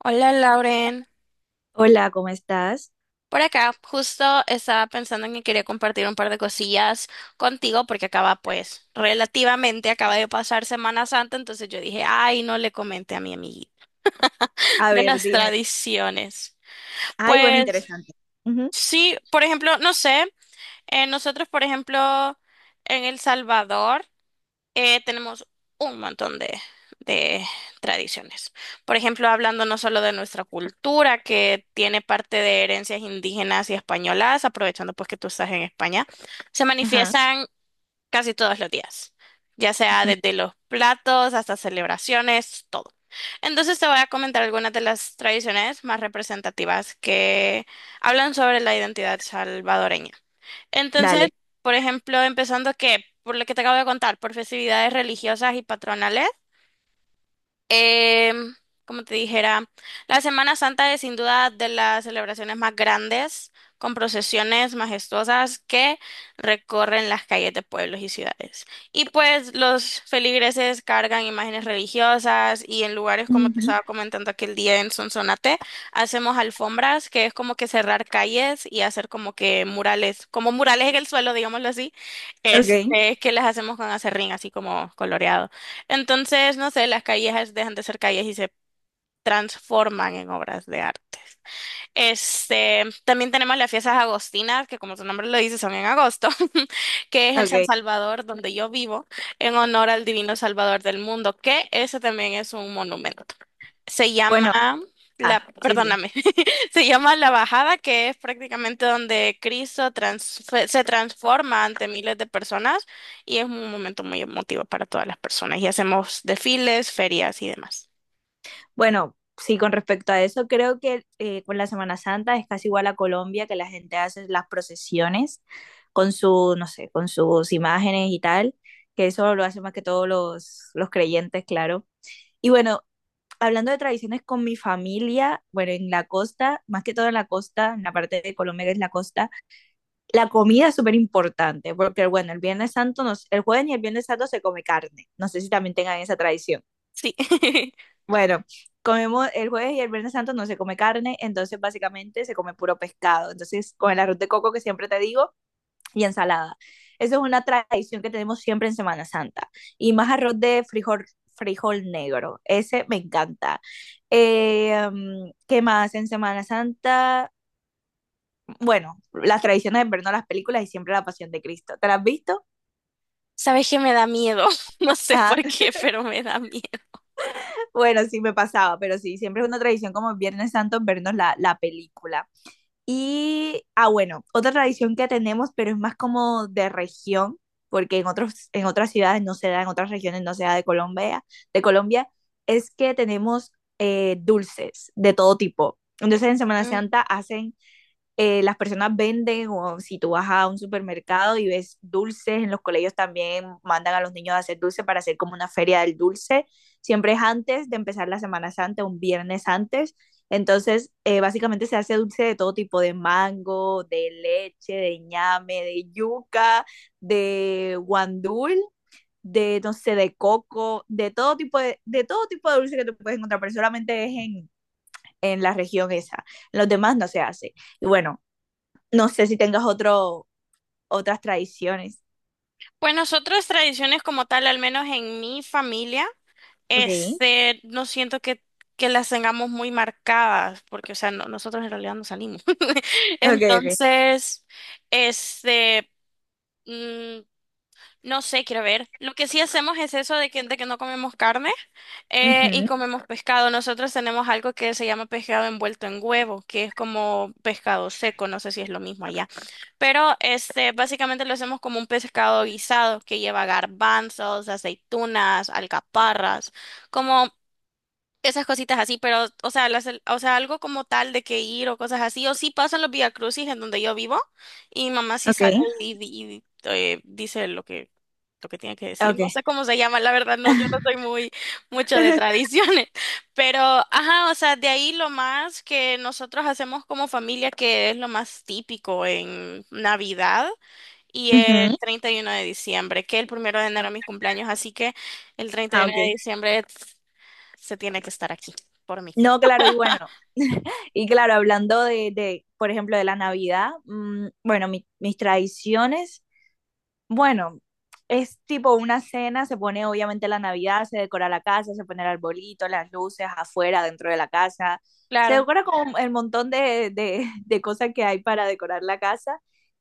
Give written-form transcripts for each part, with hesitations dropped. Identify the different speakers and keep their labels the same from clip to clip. Speaker 1: Hola Lauren,
Speaker 2: Hola, ¿cómo estás?
Speaker 1: por acá justo estaba pensando en que quería compartir un par de cosillas contigo porque acaba, pues relativamente acaba de pasar Semana Santa. Entonces yo dije, ay, no le comenté a mi amiguita
Speaker 2: A
Speaker 1: de
Speaker 2: ver,
Speaker 1: las
Speaker 2: dime.
Speaker 1: tradiciones.
Speaker 2: Ay, bueno,
Speaker 1: Pues
Speaker 2: interesante.
Speaker 1: sí, por ejemplo, no sé, nosotros, por ejemplo, en El Salvador tenemos un montón de tradiciones. Por ejemplo, hablando no solo de nuestra cultura, que tiene parte de herencias indígenas y españolas, aprovechando pues que tú estás en España, se
Speaker 2: Ajá,
Speaker 1: manifiestan casi todos los días, ya sea desde los platos hasta celebraciones, todo. Entonces te voy a comentar algunas de las tradiciones más representativas que hablan sobre la identidad salvadoreña.
Speaker 2: dale.
Speaker 1: Entonces, por ejemplo, empezando que, por lo que te acabo de contar, por festividades religiosas y patronales. Em, Como te dijera, la Semana Santa es sin duda de las celebraciones más grandes, con procesiones majestuosas que recorren las calles de pueblos y ciudades. Y pues los feligreses cargan imágenes religiosas, y en lugares como te
Speaker 2: Ujú.
Speaker 1: estaba comentando aquel día en Sonsonate, hacemos alfombras, que es como que cerrar calles y hacer como que murales, como murales en el suelo, digámoslo así,
Speaker 2: Ok,
Speaker 1: este, que las hacemos con acerrín, así como coloreado. Entonces, no sé, las calles dejan de ser calles y se transforman en obras de arte. Este, también tenemos las fiestas agostinas, que como su nombre lo dice, son en agosto, que es en San
Speaker 2: ok.
Speaker 1: Salvador, donde yo vivo, en honor al Divino Salvador del Mundo, que ese también es un monumento. Se llama
Speaker 2: Bueno, ah,
Speaker 1: la,
Speaker 2: sí, sí.
Speaker 1: perdóname, se llama la Bajada, que es prácticamente donde Cristo se transforma ante miles de personas, y es un momento muy emotivo para todas las personas. Y hacemos desfiles, ferias y demás.
Speaker 2: Bueno, sí, con respecto a eso, creo que con la Semana Santa es casi igual a Colombia, que la gente hace las procesiones con su, no sé, con sus imágenes y tal, que eso lo hacen más que todos los creyentes, claro. Y bueno, hablando de tradiciones con mi familia, bueno, en la costa, más que todo en la costa, en la parte de Colombia que es la costa. La comida es súper importante, porque bueno, el Viernes Santo, el jueves y el Viernes Santo se come carne. No sé si también tengan esa tradición.
Speaker 1: Sí.
Speaker 2: Bueno, comemos el jueves y el Viernes Santo no se come carne, entonces básicamente se come puro pescado. Entonces, con el arroz de coco que siempre te digo y ensalada. Esa es una tradición que tenemos siempre en Semana Santa. Y más arroz de frijol, frijol negro. Ese me encanta. ¿Qué más en Semana Santa? Bueno, las tradiciones de vernos las películas y siempre la Pasión de Cristo. ¿Te las has visto?
Speaker 1: Sabes que me da miedo, no sé
Speaker 2: Ah,
Speaker 1: por qué, pero me da miedo.
Speaker 2: bueno, sí me pasaba, pero sí, siempre es una tradición como Viernes Santo vernos la película. Y, ah, bueno, otra tradición que tenemos, pero es más como de región, porque en otros, en otras ciudades no se da, en otras regiones no se da de Colombia, de Colombia, es que tenemos dulces de todo tipo. Entonces en Semana
Speaker 1: Mm.
Speaker 2: Santa hacen las personas venden o si tú vas a un supermercado y ves dulces, en los colegios también mandan a los niños a hacer dulce para hacer como una feria del dulce. Siempre es antes de empezar la Semana Santa, un viernes antes. Entonces, básicamente se hace dulce de todo tipo, de mango, de leche, de ñame, de yuca, de guandul, de, no sé, de coco, de todo tipo de todo tipo de dulce que tú puedes encontrar, pero solamente es en la región esa. En los demás no se hace. Y bueno, no sé si tengas otro, otras tradiciones.
Speaker 1: Pues nosotros tradiciones como tal, al menos en mi familia,
Speaker 2: Ok,
Speaker 1: este, no siento que las tengamos muy marcadas, porque, o sea, nosotros en realidad no salimos.
Speaker 2: ok, ok.
Speaker 1: Entonces, este, mm, no sé, quiero ver. Lo que sí hacemos es eso de que no comemos carne. Y
Speaker 2: Ujú.
Speaker 1: comemos pescado. Nosotros tenemos algo que se llama pescado envuelto en huevo, que es como pescado seco, no sé si es lo mismo allá. Pero este, básicamente lo hacemos como un pescado guisado que lleva garbanzos, aceitunas, alcaparras, como esas cositas así. Pero, o sea, las, o sea, algo como tal de que ir o cosas así, o sí pasan los Vía Crucis en donde yo vivo, y mi mamá sí
Speaker 2: Ok,
Speaker 1: sale y, dice lo que tiene que decir.
Speaker 2: ok.
Speaker 1: No sé cómo se llama, la verdad, no, yo no soy muy, mucho de tradiciones, pero, ajá, o sea, de ahí lo más que nosotros hacemos como familia, que es lo más típico en Navidad. Y el
Speaker 2: Ujú.
Speaker 1: 31 de diciembre, que el primero de enero es mi cumpleaños, así que el treinta y
Speaker 2: Ah,
Speaker 1: uno
Speaker 2: ok.
Speaker 1: de diciembre se tiene que estar aquí por mí.
Speaker 2: No, claro, y bueno, y claro, hablando por ejemplo, de la Navidad, bueno, mis tradiciones, bueno, es tipo una cena, se pone obviamente la Navidad, se decora la casa, se pone el arbolito, las luces afuera, dentro de la casa, se
Speaker 1: Claro,
Speaker 2: decora con el montón de cosas que hay para decorar la casa.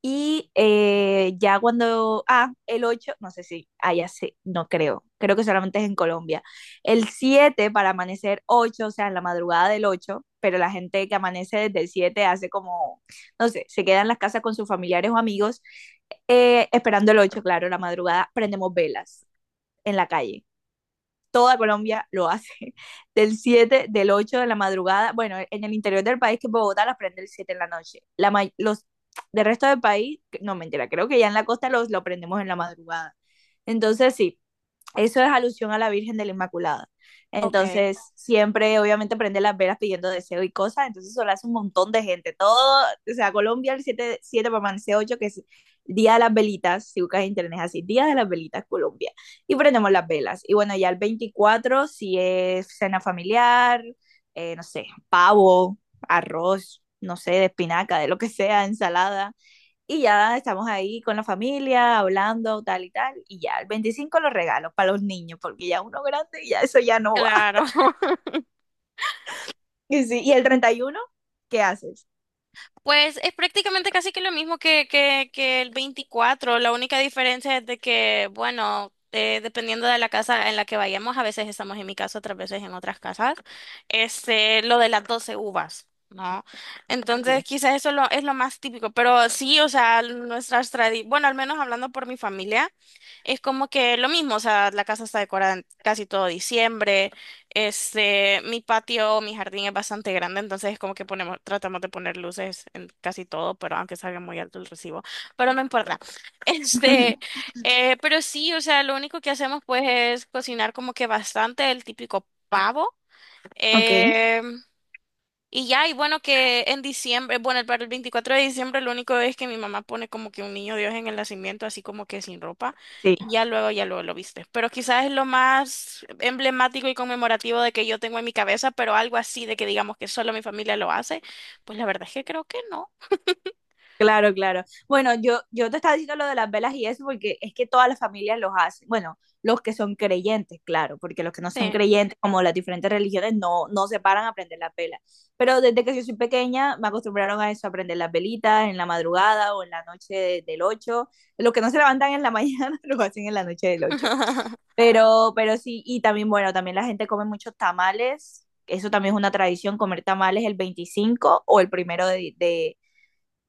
Speaker 2: Y ya cuando, ah, el 8 no sé si, ah, ya sé, no creo, creo que solamente es en Colombia. El 7 para amanecer ocho, o sea, en la madrugada del ocho, pero la gente que amanece desde el 7 hace como, no sé, se queda en las casas con sus familiares o amigos, esperando el ocho, claro, la madrugada, prendemos velas en la calle, toda Colombia lo hace. Del 7, del 8 de la madrugada, bueno, en el interior del país, que Bogotá las prende el 7 en la noche. Los del resto del país, no mentira, creo que ya en la costa los lo prendemos en la madrugada. Entonces, sí, eso es alusión a la Virgen de la Inmaculada.
Speaker 1: ok,
Speaker 2: Entonces, siempre, obviamente, prende las velas pidiendo deseo y cosas. Entonces, eso lo hace un montón de gente. Todo, o sea, Colombia, el 7, 7 para amanecer ocho, que es Día de las Velitas. Si buscas en internet es así, Día de las Velitas, Colombia. Y prendemos las velas. Y bueno, ya el 24 si es cena familiar, no sé, pavo, arroz, no sé, de espinaca, de lo que sea, ensalada. Y ya estamos ahí con la familia, hablando, tal y tal. Y ya el 25 los regalos para los niños, porque ya uno grande y ya eso ya no va.
Speaker 1: claro.
Speaker 2: Y, sí, y el 31, ¿qué haces?
Speaker 1: Pues es prácticamente casi que lo mismo que, que el veinticuatro. La única diferencia es de que, bueno, dependiendo de la casa en la que vayamos, a veces estamos en mi casa, otras veces en otras casas, este, lo de las 12 uvas, ¿no? Entonces,
Speaker 2: Sí.
Speaker 1: quizás eso lo, es lo más típico. Pero sí, o sea, nuestras tradiciones, bueno, al menos hablando por mi familia, es como que lo mismo, o sea, la casa está decorada en casi todo diciembre. Este, mi patio, mi jardín es bastante grande, entonces es como que ponemos, tratamos de poner luces en casi todo, pero aunque salga muy alto el recibo, pero no importa. Este, pero sí, o sea, lo único que hacemos pues es cocinar como que bastante el típico pavo.
Speaker 2: Ok,
Speaker 1: em, y ya. Y bueno, que en diciembre, bueno, para el 24 de diciembre lo único es que mi mamá pone como que un niño Dios en el nacimiento, así como que sin ropa,
Speaker 2: sí.
Speaker 1: y ya luego lo viste. Pero quizás es lo más emblemático y conmemorativo de que yo tengo en mi cabeza, pero algo así de que digamos que solo mi familia lo hace, pues la verdad es que creo que no.
Speaker 2: Claro, claro. Bueno, yo te estaba diciendo lo de las velas y eso porque es que todas las familias los hacen. Bueno, los que son creyentes, claro, porque los que no son
Speaker 1: Sí.
Speaker 2: creyentes, como las diferentes religiones, no, no se paran a prender las velas. Pero desde que yo soy pequeña me acostumbraron a eso, a prender las velitas en la madrugada o en la noche del 8. Los que no se levantan en la mañana lo hacen en la noche del 8. Pero sí, y también, bueno, también la gente come muchos tamales. Eso también es una tradición, comer tamales el 25 o el primero de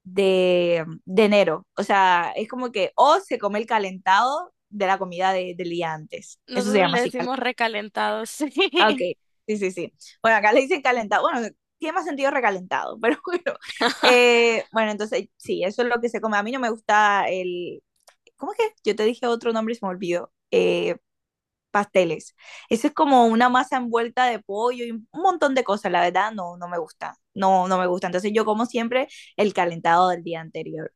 Speaker 2: de enero. O sea, es como que o se come el calentado de la comida del día antes. Eso se
Speaker 1: Nosotros
Speaker 2: llama
Speaker 1: le
Speaker 2: así. Cal-
Speaker 1: decimos recalentados,
Speaker 2: Ah, ok,
Speaker 1: sí.
Speaker 2: sí, sí, sí. Bueno, acá le dicen calentado. Bueno, tiene más sentido recalentado, pero bueno. Bueno, entonces sí, eso es lo que se come. A mí no me gusta el... ¿Cómo es que? Yo te dije otro nombre y se me olvidó. Pasteles. Eso es como una masa envuelta de pollo y un montón de cosas. La verdad, no, no me gusta. No, no me gusta. Entonces yo como siempre el calentado del día anterior.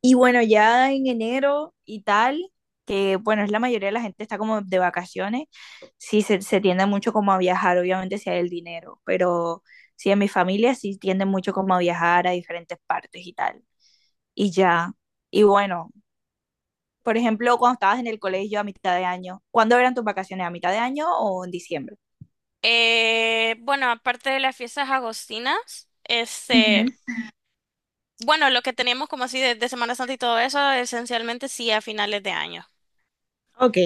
Speaker 2: Y bueno, ya en enero y tal, que bueno, es la mayoría de la gente está como de vacaciones, sí se tiende mucho como a viajar, obviamente si hay el dinero, pero sí en mi familia sí tiende mucho como a viajar a diferentes partes y tal. Y ya. Y bueno, por ejemplo, cuando estabas en el colegio a mitad de año, ¿cuándo eran tus vacaciones? ¿A mitad de año o en diciembre?
Speaker 1: Bueno, aparte de las fiestas agostinas, este...
Speaker 2: Ujú.
Speaker 1: Bueno, lo que teníamos como así de Semana Santa y todo eso, esencialmente sí a finales de año.
Speaker 2: Ok,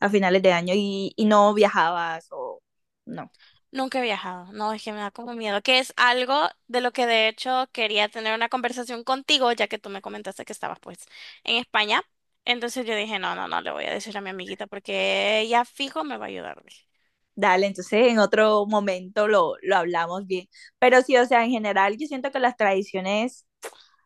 Speaker 2: a finales de año y, no viajabas o no.
Speaker 1: Nunca he viajado, no, es que me da como miedo, que es algo de lo que de hecho quería tener una conversación contigo, ya que tú me comentaste que estabas pues en España. Entonces yo dije, no, no, no, le voy a decir a mi amiguita porque ella fijo me va a ayudar. Dije.
Speaker 2: Dale, entonces en otro momento lo hablamos bien. Pero sí, o sea, en general yo siento que las tradiciones,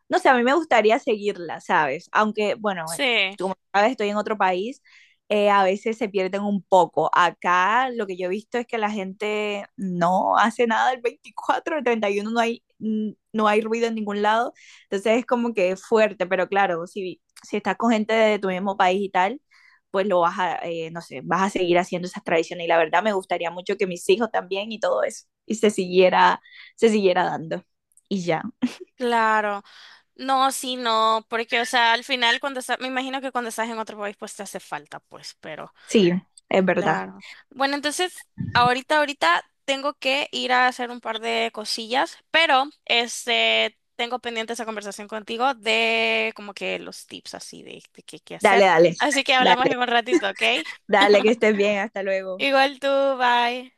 Speaker 2: no sé, a mí me gustaría seguirlas, ¿sabes? Aunque, bueno,
Speaker 1: Sí,
Speaker 2: como sabes, estoy en otro país, a veces se pierden un poco. Acá lo que yo he visto es que la gente no hace nada el 24, el 31 no hay, no hay ruido en ningún lado, entonces es como que es fuerte, pero claro, si estás con gente de tu mismo país y tal, pues lo vas a, no sé, vas a seguir haciendo esas tradiciones. Y la verdad me gustaría mucho que mis hijos también y todo eso, y se siguiera dando. Y ya,
Speaker 1: claro. No, sí, no, porque o sea, al final cuando estás, me imagino que cuando estás en otro país pues te hace falta, pues, pero...
Speaker 2: sí, es verdad.
Speaker 1: Claro. Bueno, entonces, ahorita, ahorita tengo que ir a hacer un par de cosillas, pero este, tengo pendiente esa conversación contigo de como que los tips así de qué qué
Speaker 2: Dale,
Speaker 1: hacer.
Speaker 2: dale,
Speaker 1: Así que
Speaker 2: dale,
Speaker 1: hablamos en un ratito, ¿ok?
Speaker 2: dale, que estés bien, hasta luego.
Speaker 1: Igual tú, bye.